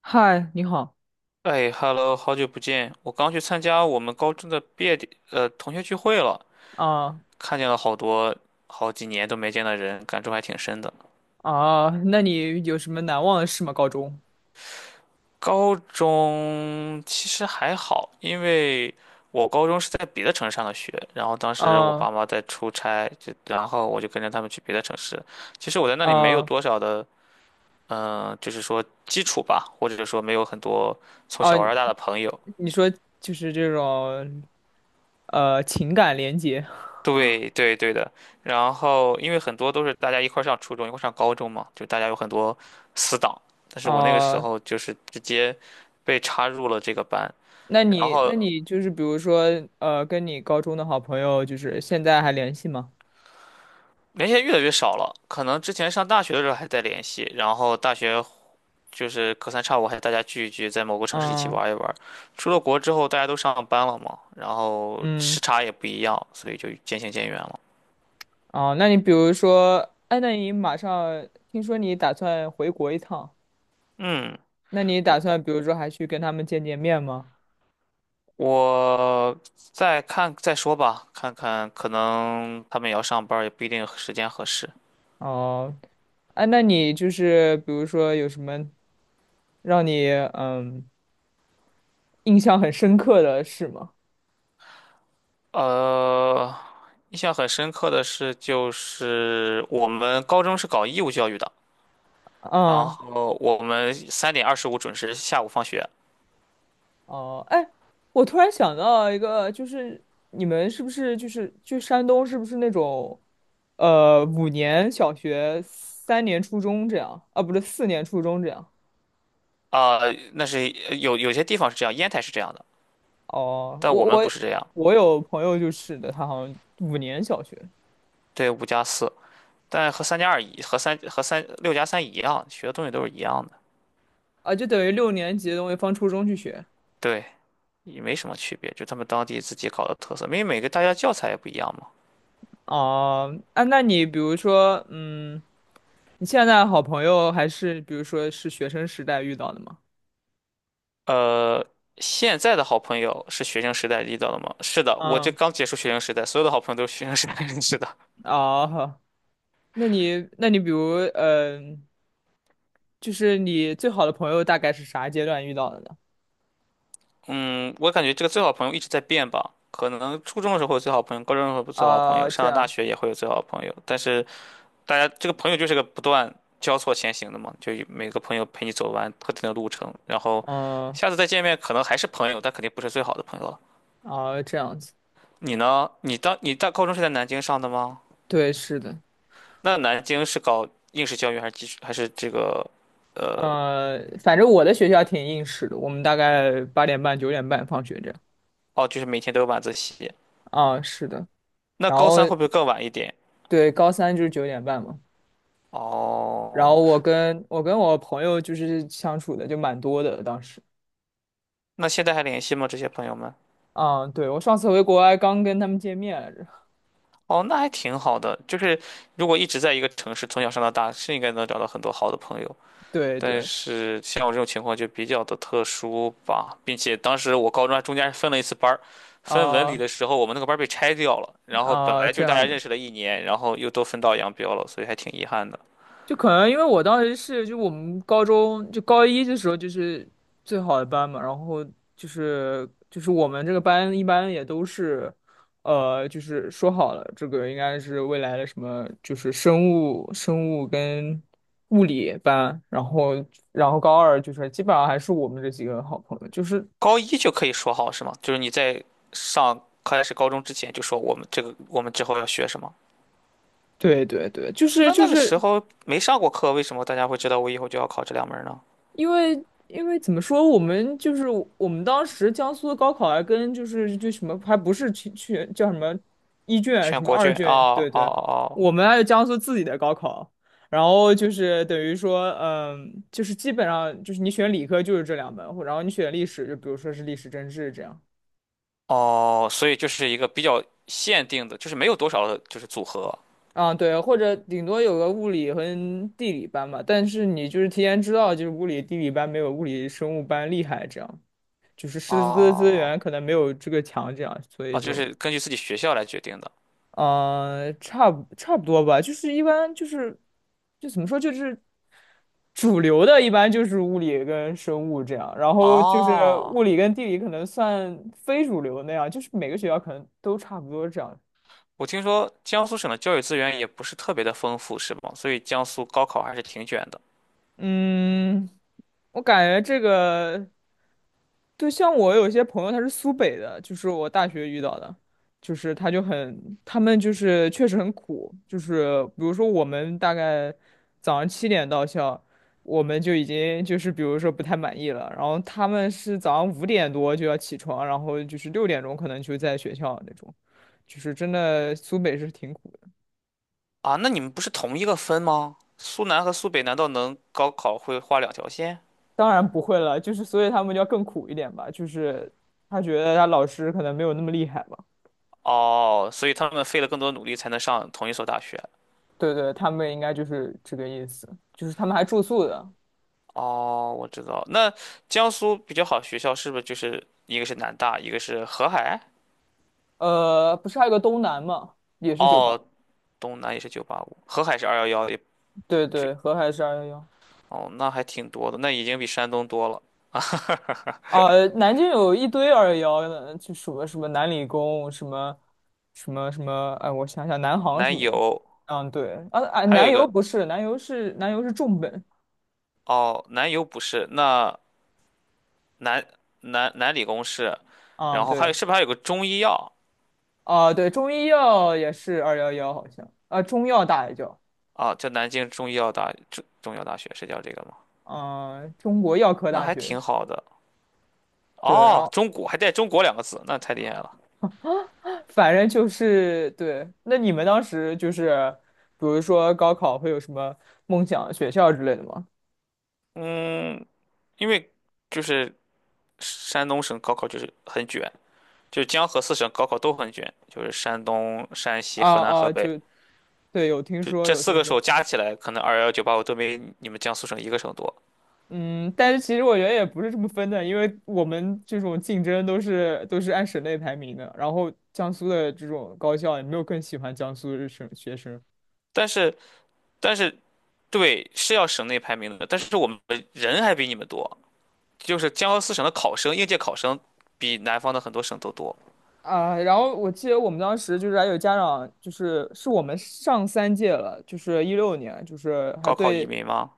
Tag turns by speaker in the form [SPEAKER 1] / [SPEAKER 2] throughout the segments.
[SPEAKER 1] 嗨，你好
[SPEAKER 2] 哎，Hello，好久不见！我刚去参加我们高中的毕业典呃同学聚会了，
[SPEAKER 1] 啊。
[SPEAKER 2] 看见了好几年都没见的人，感触还挺深的。
[SPEAKER 1] 啊，那你有什么难忘的事吗？高中。
[SPEAKER 2] 高中其实还好，因为我高中是在别的城市上的学，然后当时我
[SPEAKER 1] 啊
[SPEAKER 2] 爸妈在出差，就然后我就跟着他们去别的城市。其实我在那里没有
[SPEAKER 1] 啊
[SPEAKER 2] 多少的，就是说基础吧，或者说没有很多从
[SPEAKER 1] 啊，
[SPEAKER 2] 小玩到大的朋友。
[SPEAKER 1] 你说就是这种情感连接。
[SPEAKER 2] 对对对的，然后因为很多都是大家一块儿上初中，一块儿上高中嘛，就大家有很多死党。但是我那个时
[SPEAKER 1] 啊，
[SPEAKER 2] 候就是直接被插入了这个班，
[SPEAKER 1] 那
[SPEAKER 2] 然
[SPEAKER 1] 你那
[SPEAKER 2] 后
[SPEAKER 1] 你就是比如说跟你高中的好朋友就是现在还联系吗？
[SPEAKER 2] 联系得越来越少了。可能之前上大学的时候还在联系，然后大学就是隔三差五还大家聚一聚，在某个城市一起
[SPEAKER 1] 嗯
[SPEAKER 2] 玩一玩。出了国之后，大家都上班了嘛，然后时
[SPEAKER 1] 嗯，
[SPEAKER 2] 差也不一样，所以就渐行渐远了。
[SPEAKER 1] 啊。那你比如说，哎，那你马上听说你打算回国一趟，
[SPEAKER 2] 嗯。
[SPEAKER 1] 那你打算比如说还去跟他们见见面吗？
[SPEAKER 2] 我再看再说吧，看看可能他们也要上班儿也不一定时间合适。
[SPEAKER 1] 哦，哎，那你就是比如说有什么让你印象很深刻的事吗？
[SPEAKER 2] 呃，印象很深刻的是，就是我们高中是搞义务教育的，然
[SPEAKER 1] 啊。
[SPEAKER 2] 后我们3:25准时下午放学。
[SPEAKER 1] 哦，哎，我突然想到一个，就是你们是不是就是去山东，是不是那种五年小学、3年初中这样？啊，不是4年初中这样。
[SPEAKER 2] 啊、那是有些地方是这样，烟台是这样的，
[SPEAKER 1] 哦，
[SPEAKER 2] 但
[SPEAKER 1] 我
[SPEAKER 2] 我们不
[SPEAKER 1] 我
[SPEAKER 2] 是这样。
[SPEAKER 1] 我有朋友就是的，他好像五年小学。
[SPEAKER 2] 对，五加四，但和三加二一和三和三六加三一样，学的东西都是一样的。
[SPEAKER 1] 啊，就等于6年级的东西放初中去学。
[SPEAKER 2] 对。也没什么区别，就他们当地自己搞的特色，因为每个大家教材也不一样嘛。
[SPEAKER 1] 哦。啊，那你比如说，你现在好朋友还是比如说是学生时代遇到的吗？
[SPEAKER 2] 呃，现在的好朋友是学生时代遇到的吗？是的，我这
[SPEAKER 1] 嗯，
[SPEAKER 2] 刚结束学生时代，所有的好朋友都是学生时代认识的。
[SPEAKER 1] 哦，那你比如，就是你最好的朋友大概是啥阶段遇到的呢？
[SPEAKER 2] 嗯，我感觉这个最好朋友一直在变吧，可能初中的时候会有最好朋友，高中的时候不最好朋友，
[SPEAKER 1] 啊，这
[SPEAKER 2] 上了大
[SPEAKER 1] 样。
[SPEAKER 2] 学也会有最好朋友，但是大家这个朋友就是个不断交错前行的嘛，就每个朋友陪你走完特定的路程，然后
[SPEAKER 1] 嗯。
[SPEAKER 2] 下次再见面可能还是朋友，但肯定不是最好的朋友了。
[SPEAKER 1] 啊，这样子。
[SPEAKER 2] 你呢？你当你大高中是在南京上的吗？
[SPEAKER 1] 对，是的。
[SPEAKER 2] 那南京是搞应试教育还是基础还是这个，呃，
[SPEAKER 1] 反正我的学校挺硬实的，我们大概8点半九点半放学这样。
[SPEAKER 2] 哦，就是每天都有晚自习。
[SPEAKER 1] 啊，是的。
[SPEAKER 2] 那
[SPEAKER 1] 然
[SPEAKER 2] 高
[SPEAKER 1] 后
[SPEAKER 2] 三会不会更晚一点？
[SPEAKER 1] 对，高三就是九点半嘛。然后
[SPEAKER 2] 哦，
[SPEAKER 1] 我跟我朋友就是相处的就蛮多的，当时。
[SPEAKER 2] 那现在还联系吗？这些朋友们？
[SPEAKER 1] 啊，对，我上次回国还刚跟他们见面来着。
[SPEAKER 2] 哦，那还挺好的。就是如果一直在一个城市，从小上到大，是应该能找到很多好的朋友。
[SPEAKER 1] 对
[SPEAKER 2] 但
[SPEAKER 1] 对，
[SPEAKER 2] 是像我这种情况就比较的特殊吧，并且当时我高中还中间还分了一次班儿，分文理
[SPEAKER 1] 啊、
[SPEAKER 2] 的时候我们那个班儿被拆掉了，然后本
[SPEAKER 1] 啊、
[SPEAKER 2] 来
[SPEAKER 1] 这
[SPEAKER 2] 就大
[SPEAKER 1] 样
[SPEAKER 2] 家
[SPEAKER 1] 的。
[SPEAKER 2] 认识了一年，然后又都分道扬镳了，所以还挺遗憾的。
[SPEAKER 1] 就可能因为我当时是就我们高中就高一的时候就是最好的班嘛，然后就是我们这个班一般也都是，就是说好了这个应该是未来的什么就是生物跟物理班，然后高二就是基本上还是我们这几个好朋友，就是
[SPEAKER 2] 高一就可以说好是吗？就是你在上开始高中之前就说我们这个我们之后要学什么，
[SPEAKER 1] 对对对，就是
[SPEAKER 2] 那那个时候没上过课，为什么大家会知道我以后就要考这两门呢？
[SPEAKER 1] 因为怎么说，我们就是我们当时江苏的高考还跟就是就什么还不是去叫什么一卷什
[SPEAKER 2] 全
[SPEAKER 1] 么
[SPEAKER 2] 国
[SPEAKER 1] 二
[SPEAKER 2] 卷，
[SPEAKER 1] 卷，
[SPEAKER 2] 哦
[SPEAKER 1] 对
[SPEAKER 2] 哦
[SPEAKER 1] 对，
[SPEAKER 2] 哦
[SPEAKER 1] 我们还有江苏自己的高考，然后就是等于说，就是基本上就是你选理科就是这2门，然后你选历史就比如说是历史政治这样。
[SPEAKER 2] 哦，所以就是一个比较限定的，就是没有多少的就是组合。
[SPEAKER 1] 啊，对，或者顶多有个物理和地理班吧，但是你就是提前知道，就是物理、地理班没有物理生物班厉害这样。就是师资资
[SPEAKER 2] 哦，
[SPEAKER 1] 源可能没有这个强，这样，所以
[SPEAKER 2] 哦，就
[SPEAKER 1] 就，
[SPEAKER 2] 是根据自己学校来决定的。
[SPEAKER 1] 差不多吧。就是一般就是，就怎么说，就是主流的，一般就是物理跟生物这样，然后就是
[SPEAKER 2] 哦，
[SPEAKER 1] 物理跟地理可能算非主流那样，就是每个学校可能都差不多这样。
[SPEAKER 2] 我听说江苏省的教育资源也不是特别的丰富，是吗？所以江苏高考还是挺卷的。
[SPEAKER 1] 嗯，我感觉这个，对，像我有些朋友他是苏北的，就是我大学遇到的，就是他就很，他们就是确实很苦，就是比如说我们大概早上7点到校，我们就已经就是比如说不太满意了，然后他们是早上5点多就要起床，然后就是6点钟可能就在学校那种，就是真的苏北是挺苦的。
[SPEAKER 2] 啊，那你们不是同一个分吗？苏南和苏北难道能高考会画两条线？
[SPEAKER 1] 当然不会了，就是所以他们就要更苦一点吧，就是他觉得他老师可能没有那么厉害吧。
[SPEAKER 2] 哦，所以他们费了更多努力才能上同一所大学。
[SPEAKER 1] 对对，他们应该就是这个意思，就是他们还住宿的。
[SPEAKER 2] 哦，我知道。那江苏比较好的学校是不是就是一个是南大，一个是河海？
[SPEAKER 1] 不是还有个东南嘛，也是酒吧。
[SPEAKER 2] 哦，东南也是九八五，河海是二幺幺，
[SPEAKER 1] 对对，河海是二幺幺。
[SPEAKER 2] 哦，那还挺多的，那已经比山东多了。
[SPEAKER 1] 啊，南京有一堆二幺幺的，就什么什么南理工，什么什么什么，哎，我想想，南航什
[SPEAKER 2] 南
[SPEAKER 1] 么的。
[SPEAKER 2] 邮
[SPEAKER 1] 嗯，对，啊啊，
[SPEAKER 2] 还有
[SPEAKER 1] 南
[SPEAKER 2] 一
[SPEAKER 1] 邮
[SPEAKER 2] 个。
[SPEAKER 1] 不是，南邮是重本。
[SPEAKER 2] 哦，南邮不是，那南南理工是，然
[SPEAKER 1] 嗯，
[SPEAKER 2] 后还有
[SPEAKER 1] 对。
[SPEAKER 2] 是不是还有个中医药？
[SPEAKER 1] 啊，对，中医药也是二幺幺，好像啊，中药大学，叫，
[SPEAKER 2] 啊？叫南京中医药大中医药大学是叫这个吗？
[SPEAKER 1] 啊，中国药科
[SPEAKER 2] 那
[SPEAKER 1] 大
[SPEAKER 2] 还
[SPEAKER 1] 学。
[SPEAKER 2] 挺好的。
[SPEAKER 1] 对。然
[SPEAKER 2] 哦，
[SPEAKER 1] 后
[SPEAKER 2] 中国还带“中国”两个字，那太厉害了。
[SPEAKER 1] 反正就是对。那你们当时就是，比如说高考会有什么梦想学校之类的吗？
[SPEAKER 2] 嗯，因为就是山东省高考就是很卷，就是江河四省高考都很卷，就是山东、山西、
[SPEAKER 1] 啊
[SPEAKER 2] 河南、河
[SPEAKER 1] 啊，
[SPEAKER 2] 北。
[SPEAKER 1] 就对，有听
[SPEAKER 2] 就
[SPEAKER 1] 说，
[SPEAKER 2] 这
[SPEAKER 1] 有
[SPEAKER 2] 四
[SPEAKER 1] 听
[SPEAKER 2] 个
[SPEAKER 1] 说。
[SPEAKER 2] 省加起来，可能211 985都没你们江苏省一个省多。
[SPEAKER 1] 嗯，但是其实我觉得也不是这么分的，因为我们这种竞争都是按省内排名的，然后江苏的这种高校也没有更喜欢江苏的学生，
[SPEAKER 2] 但是，但是，对，是要省内排名的，但是我们人还比你们多，就是江苏省的考生，应届考生比南方的很多省都多。
[SPEAKER 1] 啊，然后我记得我们当时就是还有家长，就是我们上3届了，就是2016年，就是还
[SPEAKER 2] 高考移
[SPEAKER 1] 对。
[SPEAKER 2] 民吗？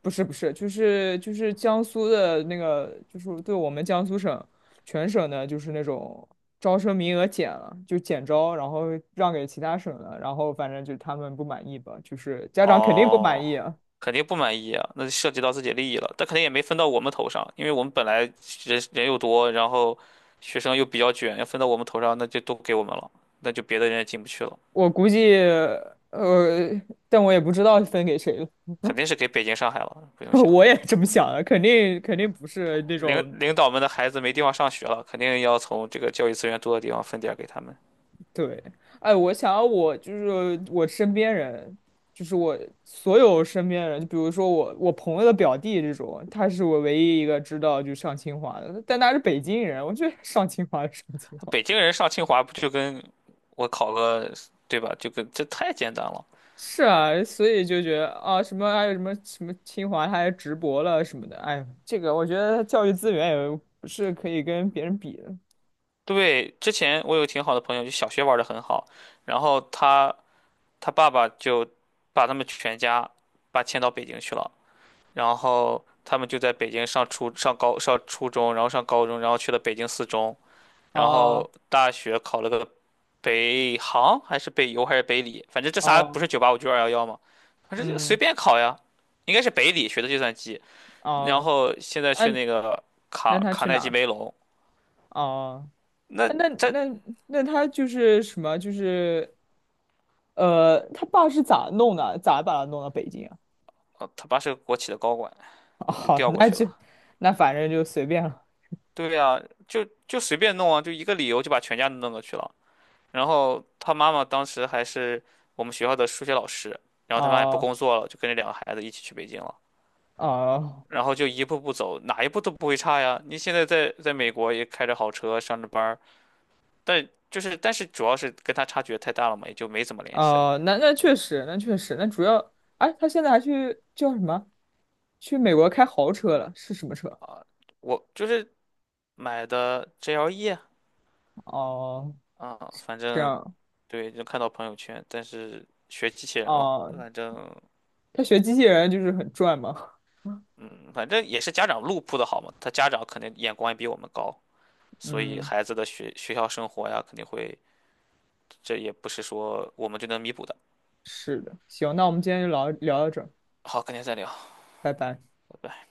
[SPEAKER 1] 不是不是，就是江苏的那个，就是对我们江苏省全省的，就是那种招生名额减了，就减招，然后让给其他省了，然后反正就他们不满意吧，就是家长肯定不满
[SPEAKER 2] 哦，
[SPEAKER 1] 意啊，
[SPEAKER 2] 肯定不满意啊，那就涉及到自己利益了，但肯定也没分到我们头上，因为我们本来人人又多，然后学生又比较卷，要分到我们头上，那就都给我们了，那就别的人也进不去了，
[SPEAKER 1] 我估计。呃，但我也不知道分给谁了。
[SPEAKER 2] 肯定是给北京、上海了，不 用想。
[SPEAKER 1] 我也这么想的，肯定不是那
[SPEAKER 2] 领
[SPEAKER 1] 种。
[SPEAKER 2] 领导们的孩子没地方上学了，肯定要从这个教育资源多的地方分点儿给他们。
[SPEAKER 1] 对，哎，我想要我就是我身边人，就是我所有身边人，就比如说我朋友的表弟这种，他是我唯一一个知道就上清华的，但他是北京人。我觉得 上清华的上清华。
[SPEAKER 2] 北京 人上清华不就跟我考个，对吧？就跟这太简单了。
[SPEAKER 1] 是啊，所以就觉得啊，什么还有什么什么清华，他还直博了什么的。哎，这个我觉得教育资源也不是可以跟别人比的。
[SPEAKER 2] 对，之前我有挺好的朋友，就小学玩的很好，然后他爸爸就把他们全家把迁到北京去了，然后他们就在北京上初中，然后上高中，然后去了北京四中。然
[SPEAKER 1] 啊
[SPEAKER 2] 后大学考了个北航还是北邮还是北理，反正这仨
[SPEAKER 1] 啊，
[SPEAKER 2] 不是九八五就二幺幺嘛，反正就随
[SPEAKER 1] 嗯
[SPEAKER 2] 便考呀，应该是北理学的计算机，然
[SPEAKER 1] 哦。
[SPEAKER 2] 后现在去
[SPEAKER 1] 嗯，
[SPEAKER 2] 那个
[SPEAKER 1] 那
[SPEAKER 2] 卡
[SPEAKER 1] 他
[SPEAKER 2] 卡
[SPEAKER 1] 去
[SPEAKER 2] 耐
[SPEAKER 1] 哪儿
[SPEAKER 2] 基
[SPEAKER 1] 了？
[SPEAKER 2] 梅隆，
[SPEAKER 1] 哦。
[SPEAKER 2] 那
[SPEAKER 1] 哎，那
[SPEAKER 2] 这
[SPEAKER 1] 那那他就是什么？就是他爸是咋弄的？咋把他弄到北京啊？
[SPEAKER 2] 哦，他爸是个国企的高管，就
[SPEAKER 1] 哦，
[SPEAKER 2] 调过
[SPEAKER 1] 那
[SPEAKER 2] 去
[SPEAKER 1] 就。
[SPEAKER 2] 了。
[SPEAKER 1] 那反正就随便了。
[SPEAKER 2] 对呀，就随便弄啊，就一个理由就把全家都弄过去了。然后他妈妈当时还是我们学校的数学老师，然后他妈也不
[SPEAKER 1] 哦
[SPEAKER 2] 工作了，就跟着两个孩子一起去北京了。
[SPEAKER 1] 哦
[SPEAKER 2] 然后就一步步走，哪一步都不会差呀。你现在在美国也开着好车上着班儿，但是主要是跟他差距太大了嘛，也就没怎么联系了。
[SPEAKER 1] 哦，那确实，那确实，那主要，哎，他现在还去叫什么？去美国开豪车了？是什么车？
[SPEAKER 2] 我就是买的 GLE。
[SPEAKER 1] 哦，
[SPEAKER 2] 啊，啊反
[SPEAKER 1] 这
[SPEAKER 2] 正
[SPEAKER 1] 样。
[SPEAKER 2] 对，就看到朋友圈，但是学机器人了，
[SPEAKER 1] 哦，
[SPEAKER 2] 反正
[SPEAKER 1] 他学机器人就是很赚嘛。
[SPEAKER 2] 反正也是家长路铺的好嘛，他家长肯定眼光也比我们高，所以
[SPEAKER 1] 嗯，
[SPEAKER 2] 孩子的学校生活呀，肯定会，这也不是说我们就能弥补的。
[SPEAKER 1] 是的。行，那我们今天就聊到这儿。
[SPEAKER 2] 好，改天再聊，
[SPEAKER 1] 拜拜。
[SPEAKER 2] 拜拜。